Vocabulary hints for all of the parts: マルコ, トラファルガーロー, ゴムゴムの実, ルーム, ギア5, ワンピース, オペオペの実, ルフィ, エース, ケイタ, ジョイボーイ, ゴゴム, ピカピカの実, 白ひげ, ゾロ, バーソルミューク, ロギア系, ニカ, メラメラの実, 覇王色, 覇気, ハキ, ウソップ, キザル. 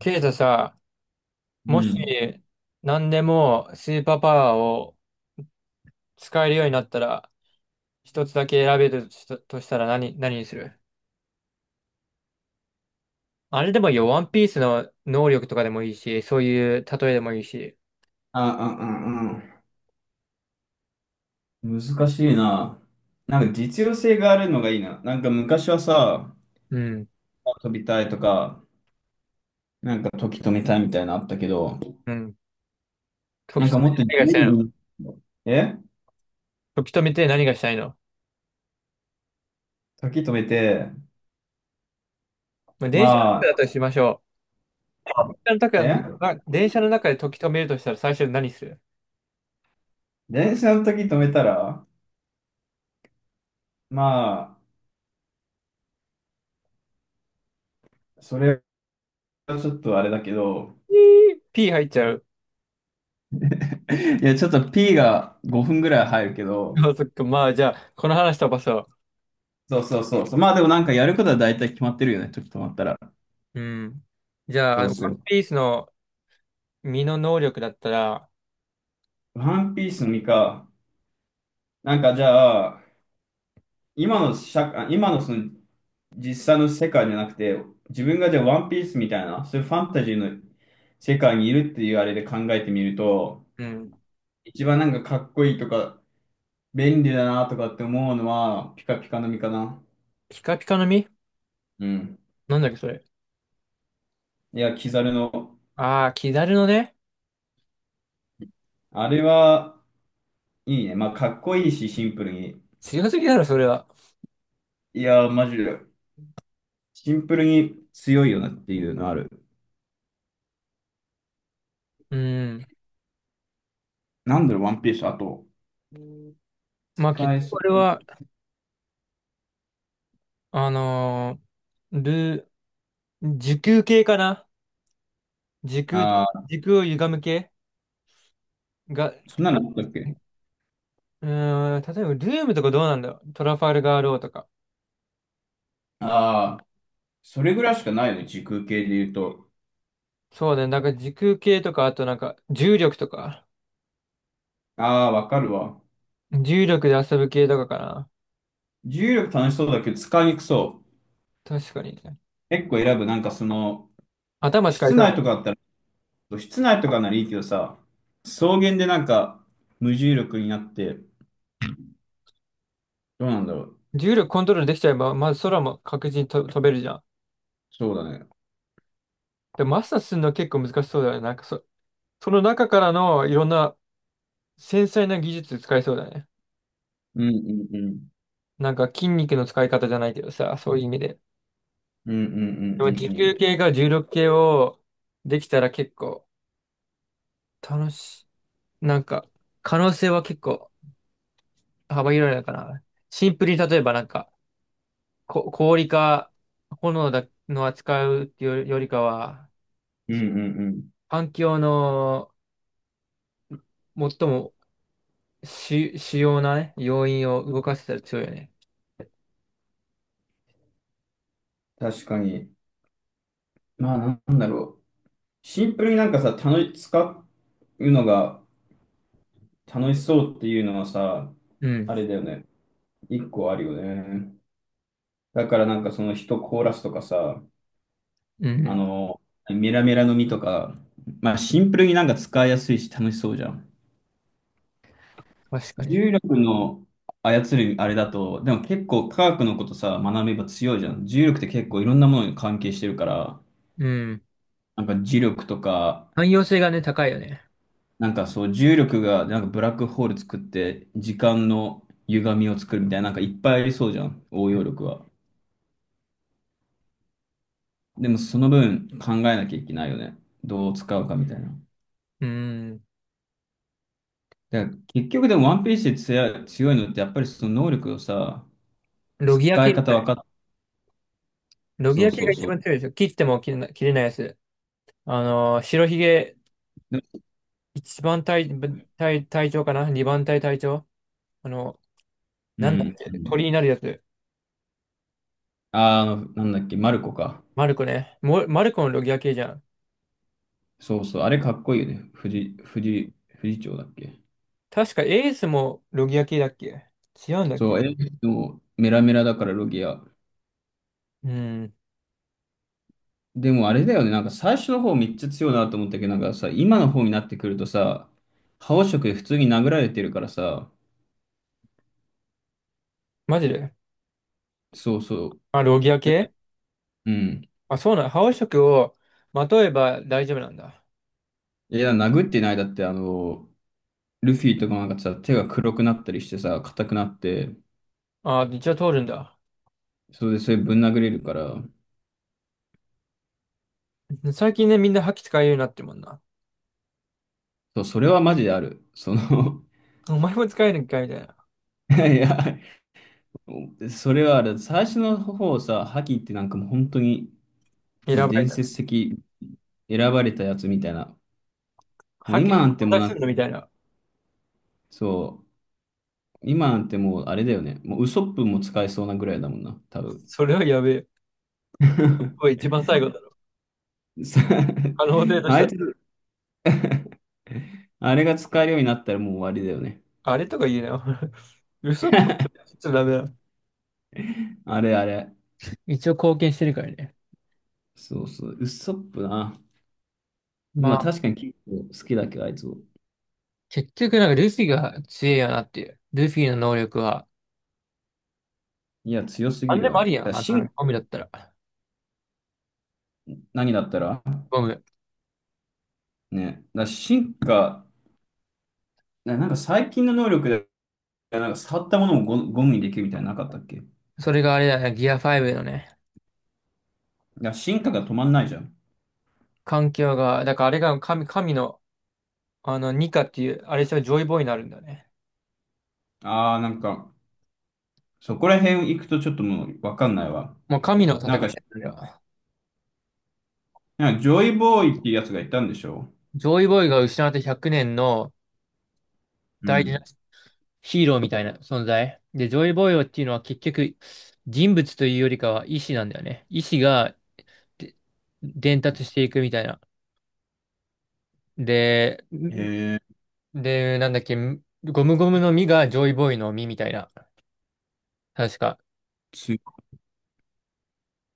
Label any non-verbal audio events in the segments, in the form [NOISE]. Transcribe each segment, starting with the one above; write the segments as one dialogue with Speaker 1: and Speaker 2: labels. Speaker 1: ケイタさ、
Speaker 2: う
Speaker 1: もし
Speaker 2: ん。
Speaker 1: 何でもスーパーパワーを使えるようになったら、一つだけ選べるとしたら何にする？あれでもいいよ、ワンピースの能力とかでもいいし、そういう例えでもいいし。
Speaker 2: あ。難しいな。なんか実用性があるのがいいな。なんか昔はさ、
Speaker 1: うん、
Speaker 2: 飛びたいとか、なんか時止めたいみたいなのあったけど、
Speaker 1: うん。
Speaker 2: なん
Speaker 1: 時
Speaker 2: か
Speaker 1: 止め
Speaker 2: もっ
Speaker 1: て
Speaker 2: と自
Speaker 1: 何がしたいの？
Speaker 2: 由に、え
Speaker 1: 時止めて何がしたいの？
Speaker 2: 時止めて、
Speaker 1: まあ、電車の
Speaker 2: ま
Speaker 1: 中だ
Speaker 2: あ、
Speaker 1: としましょう。
Speaker 2: え
Speaker 1: 電車の中で時止めるとしたら最初に何する？
Speaker 2: 電車の時止めたら、まあ、それはちょっとあれだけど、
Speaker 1: ピー、ピー入っちゃう。
Speaker 2: いや、ちょっと P が5分ぐらい入るけど、
Speaker 1: あ、そっか、まあじゃあ、この話飛ばそ
Speaker 2: そうそうそうそう。まあでもなんかやることは大体決まってるよね、時止まったら。
Speaker 1: う。うん。じゃあ、
Speaker 2: そ
Speaker 1: あ
Speaker 2: う
Speaker 1: の
Speaker 2: そ
Speaker 1: ワン
Speaker 2: う。
Speaker 1: ピースの身の能力だったら。
Speaker 2: ワンピースの実か。なんかじゃあ、今の社会、今のその実際の世界じゃなくて、自分がじゃあワンピースみたいな、そういうファンタジーの世界にいるっていうあれで考えてみると、
Speaker 1: うん。
Speaker 2: 一番なんかかっこいいとか、便利だなとかって思うのは、ピカピカの実かな。
Speaker 1: ピカピカの実。
Speaker 2: うん。
Speaker 1: なんだっけ、それ。
Speaker 2: いや、キザルの。
Speaker 1: ああ、キザルのね。
Speaker 2: あれは、いいね。まあ、かっこいいし、シンプルに。
Speaker 1: 強すぎだろ、それは。
Speaker 2: いや、マジで。シンプルに強いよなっていうのある。
Speaker 1: うん。
Speaker 2: なんだろう、ワンピース。あと、
Speaker 1: まあ、結
Speaker 2: 使え
Speaker 1: 局
Speaker 2: そ
Speaker 1: これ
Speaker 2: う。
Speaker 1: は、あのー、ル時空系かな。
Speaker 2: ああ、
Speaker 1: 時空を歪む系が、
Speaker 2: そんなのあったっけ。
Speaker 1: 例えば、ルームとかどうなんだよ。トラファルガーローとか。
Speaker 2: ああー、それぐらいしかないよね、時空系で言うと。
Speaker 1: そうだね。なんか時空系とか、あとなんか、重力とか、
Speaker 2: ああ、わかるわ。
Speaker 1: 重力で遊ぶ系とかかな。
Speaker 2: 重力楽しそうだけど使いにくそう。
Speaker 1: 確かにね。
Speaker 2: 結構選ぶ。なんかその、
Speaker 1: 頭使い
Speaker 2: 室
Speaker 1: そうだ
Speaker 2: 内
Speaker 1: よ
Speaker 2: と
Speaker 1: ね。
Speaker 2: かだったら、室内とかならいいけどさ、草原でなんか無重力になって、どうなんだろう。
Speaker 1: 重力コントロールできちゃえば、まず空も確実にと飛べるじゃん。
Speaker 2: そうだね。
Speaker 1: でマスターするの結構難しそうだよね。その中からのいろんな繊細な技術使えそうだね。
Speaker 2: うんうんうん。
Speaker 1: なんか筋肉の使い方じゃないけどさ、そういう意味で。
Speaker 2: うんうんうんう
Speaker 1: でも持
Speaker 2: んう
Speaker 1: 久
Speaker 2: ん。
Speaker 1: 系か重力系をできたら結構楽しい。なんか可能性は結構幅広いのかな。シンプルに例えばなんか氷か炎だの扱うっていうよりかは、
Speaker 2: うんうんうん。
Speaker 1: 環境の最も主要なね、要因を動かせたら強いよね。
Speaker 2: 確かに。まあ、なんだろう。シンプルになんかさ、楽し、使うのが楽しそうっていうのはさ、
Speaker 1: うん。
Speaker 2: あれだよね。一個あるよね。だからなんかその人コーラスとかさ、
Speaker 1: う
Speaker 2: あ
Speaker 1: ん。
Speaker 2: の、メラメラの実とか、まあシンプルになんか使いやすいし楽しそうじゃん。
Speaker 1: 確かにね。
Speaker 2: 重力の操るあれだと、でも結構科学のことさ、学べば強いじゃん。重力って結構いろんなものに関係してるから、
Speaker 1: うん。
Speaker 2: なんか磁力とか、
Speaker 1: 汎用性がね、高いよね。
Speaker 2: なんかそう重力がなんかブラックホール作って時間の歪みを作るみたいな、なんかいっぱいありそうじゃん。応用力は。でもその分考えなきゃいけないよね。どう使うかみたいな。
Speaker 1: うん。
Speaker 2: だから結局でもワンピースで強いのってやっぱりその能力をさ、
Speaker 1: ロギア
Speaker 2: 使い
Speaker 1: 系
Speaker 2: 方
Speaker 1: だ
Speaker 2: 分
Speaker 1: ね。
Speaker 2: かっ、
Speaker 1: ロギ
Speaker 2: そ
Speaker 1: ア
Speaker 2: う
Speaker 1: 系
Speaker 2: そ
Speaker 1: が
Speaker 2: う
Speaker 1: 一
Speaker 2: そ
Speaker 1: 番
Speaker 2: う。
Speaker 1: 強いですよ。切っても切れないやつ。白ひげ、
Speaker 2: で、
Speaker 1: 一番隊、隊長かな。二番隊隊長？あの、
Speaker 2: う
Speaker 1: なんだっ
Speaker 2: ん、う
Speaker 1: け、
Speaker 2: ん。
Speaker 1: 鳥になるやつ。
Speaker 2: あー、あの、なんだっけ、マルコか。
Speaker 1: マルコね。マルコのロギア系じゃん。
Speaker 2: そうそう。あれかっこいいよね。藤長だっけ。
Speaker 1: 確かエースもロギア系だっけ？違うんだっ
Speaker 2: そ
Speaker 1: け？
Speaker 2: う、え、でもメラメラだからロギア。
Speaker 1: うん。
Speaker 2: でもあれだよね、なんか最初の方めっちゃ強いなと思ったけど、なんかさ、今の方になってくるとさ、覇王色で普通に殴られてるからさ、
Speaker 1: マジで。
Speaker 2: そうそう。
Speaker 1: あ、ロギア系。
Speaker 2: うん。
Speaker 1: あ、そうなの。覇王色をまとえば大丈夫なんだ。
Speaker 2: いや、殴ってないだって、あの、ルフィとかもなんかさ、手が黒くなったりしてさ、硬くなって、
Speaker 1: あ、一応通るんだ。
Speaker 2: それでそれぶん殴れるから、
Speaker 1: 最近ね、みんな覇気使えるようになってるもんな。
Speaker 2: そう、それはマジである。その
Speaker 1: お前も使えるんかいみたいな。
Speaker 2: [LAUGHS] いや、それはある。最初の方さ、ハキってなんかもう本当に
Speaker 1: 選
Speaker 2: もう
Speaker 1: ばれ
Speaker 2: 伝
Speaker 1: た。
Speaker 2: 説的選ばれたやつみたいな。もう
Speaker 1: 覇気
Speaker 2: 今
Speaker 1: 存
Speaker 2: なんてもう
Speaker 1: 在
Speaker 2: な
Speaker 1: す
Speaker 2: ん
Speaker 1: る
Speaker 2: か、
Speaker 1: のみたいな。
Speaker 2: そう、今なんてもうあれだよね。もうウソップも使えそうなぐらいだもんな、多分。
Speaker 1: それはやべえ。これ
Speaker 2: [LAUGHS]
Speaker 1: 一番最後だろ。
Speaker 2: さ
Speaker 1: 可能性とし
Speaker 2: あ
Speaker 1: た
Speaker 2: い
Speaker 1: ら。
Speaker 2: つ、あれが使えるようになったらもう終わりだよね。
Speaker 1: あれとか言えなよ。[LAUGHS] 嘘っぽい。ちょっとダメだ。
Speaker 2: あれあれ。
Speaker 1: 一応貢献してるからね。
Speaker 2: そうそう、ウッソップな。
Speaker 1: ま
Speaker 2: まあ
Speaker 1: あ、
Speaker 2: 確かに結構好きだけど、あいつ。
Speaker 1: 結局なんかルフィが強いよなっていう。ルフィの能力は、
Speaker 2: いや、強す
Speaker 1: な
Speaker 2: ぎ
Speaker 1: んで
Speaker 2: る
Speaker 1: も
Speaker 2: わ。
Speaker 1: あ
Speaker 2: だ
Speaker 1: り
Speaker 2: か
Speaker 1: やん。
Speaker 2: ら
Speaker 1: あの、
Speaker 2: 進、
Speaker 1: ゴムだったら。
Speaker 2: 何だったら
Speaker 1: ゴム。
Speaker 2: ね。だから進化、なんか最近の能力で、なんか触ったものもゴゴムにできるみたいなのなかったっけ。だか
Speaker 1: それがあれだよね。ギア5のね。
Speaker 2: ら進化が止まんないじゃん。
Speaker 1: 環境が、だからあれが神の、ニカっていう、あれしたらジョイボーイになるんだよね。
Speaker 2: ああ、なんか、そこら辺行くとちょっともうわかんないわ。
Speaker 1: もう神の戦
Speaker 2: な
Speaker 1: いだ
Speaker 2: ん
Speaker 1: よ。
Speaker 2: か、
Speaker 1: あれは。
Speaker 2: なんかジョイボーイっていうやつがいたんでしょ。
Speaker 1: ジョイボーイが失われて100年の
Speaker 2: う
Speaker 1: 大事な
Speaker 2: ん。
Speaker 1: ヒーローみたいな存在。で、ジョイボーイっていうのは結局、人物というよりかは意志なんだよね。意志が、で、伝達していくみたいな。で、
Speaker 2: へえ。
Speaker 1: で、なんだっけ、ゴムゴムの実がジョイボーイの実みたいな。確か。
Speaker 2: つ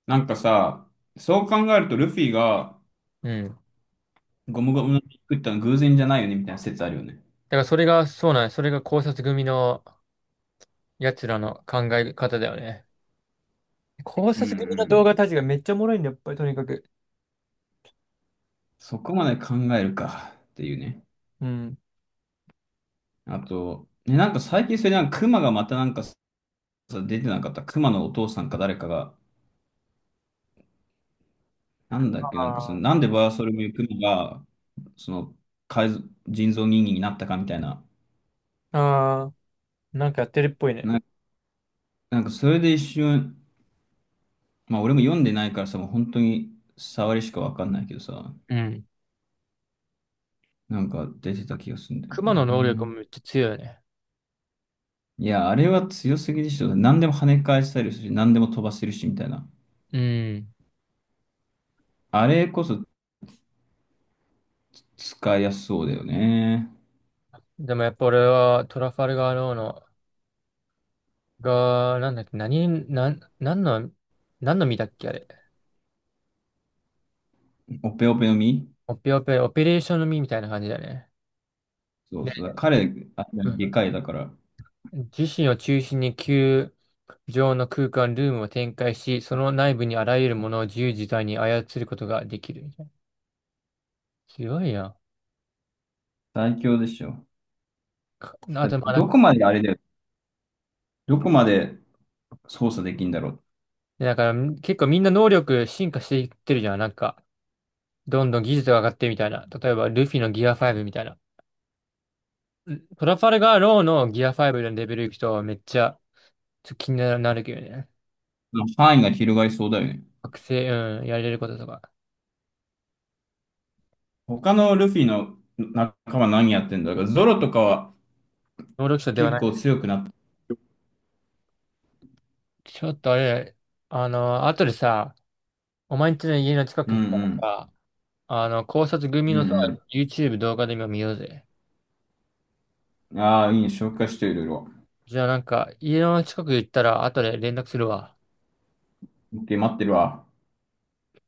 Speaker 2: なんかさ、そう考えるとルフィが
Speaker 1: うん。だ
Speaker 2: ゴムゴムの実作ったの偶然じゃないよねみたいな説あるよね。
Speaker 1: からそれが、そうなん、それが考察組の奴らの考え方だよね。考
Speaker 2: うん
Speaker 1: 察
Speaker 2: う
Speaker 1: 組の動
Speaker 2: ん。
Speaker 1: 画たちがめっちゃおもろいんだよ、やっぱりとにかく。
Speaker 2: そこまで考えるかっていうね。
Speaker 1: うん。
Speaker 2: あと、ね、なんか最近それなんか熊がまたなんかさ出てなかった。熊のお父さんか誰かが、なんだっけ、なんかその、
Speaker 1: あ
Speaker 2: なんでバーソルミュークマが、その、改造人造人間になったかみたいな。
Speaker 1: ああー、なんかやってるっぽいね。
Speaker 2: な、なんかそれで一瞬、まあ俺も読んでないからさ、もう本当に触りしかわかんないけどさ、
Speaker 1: うん。
Speaker 2: なんか出てた気がするんだよ
Speaker 1: 熊の
Speaker 2: ね。う
Speaker 1: 能力も
Speaker 2: ん。
Speaker 1: めっちゃ強いよね。
Speaker 2: いや、あれは強すぎでしょ。何でも跳ね返したりするし、何でも飛ばせるしみたいな。
Speaker 1: うん。
Speaker 2: あれこそ使いやすそうだよね。
Speaker 1: でもやっぱ俺はトラファルガーローの、が、なんだっけ、何、なん、何の、何の実だっけ、あれ。
Speaker 2: オペオペの実、
Speaker 1: オペオペ、オペレーションの実みたいな感じだね。
Speaker 2: そう
Speaker 1: で、
Speaker 2: そう。彼、あ、
Speaker 1: うん、
Speaker 2: でかいだから、
Speaker 1: 自身を中心に球状の空間、ルームを展開し、その内部にあらゆるものを自由自在に操ることができるみたいな。強いやん。
Speaker 2: 最強でしょ。
Speaker 1: か、あ
Speaker 2: だ
Speaker 1: と、まあ、なん
Speaker 2: ど
Speaker 1: か、
Speaker 2: こまであれだよ。どこまで操作できんだろ
Speaker 1: だから結構みんな能力進化していってるじゃん。なんか、どんどん技術が上がってるみたいな。例えば、ルフィのギア5みたいな。トラファルガーローのギア5のレベル行くとめっちゃちょっと気になるけどね。
Speaker 2: う。範囲が広がりそうだよね。
Speaker 1: 学生、うん、やれることとか。
Speaker 2: 他のルフィの仲間何やってんだろう。ゾロとかは
Speaker 1: 能力者では
Speaker 2: 結
Speaker 1: な
Speaker 2: 構
Speaker 1: い。
Speaker 2: 強くなった。
Speaker 1: ちょっとあれ、あの、後でさ、お前んちの家の近く
Speaker 2: うんう
Speaker 1: 行ったら
Speaker 2: ん。
Speaker 1: さ、あの、考察組
Speaker 2: う
Speaker 1: のさ、
Speaker 2: ん
Speaker 1: YouTube 動画で今見ようぜ。
Speaker 2: うん。ああ、いいね。紹介していろいろ。
Speaker 1: じゃあなんか、家の近く行ったら後で連絡するわ。
Speaker 2: オッケー、待ってるわ。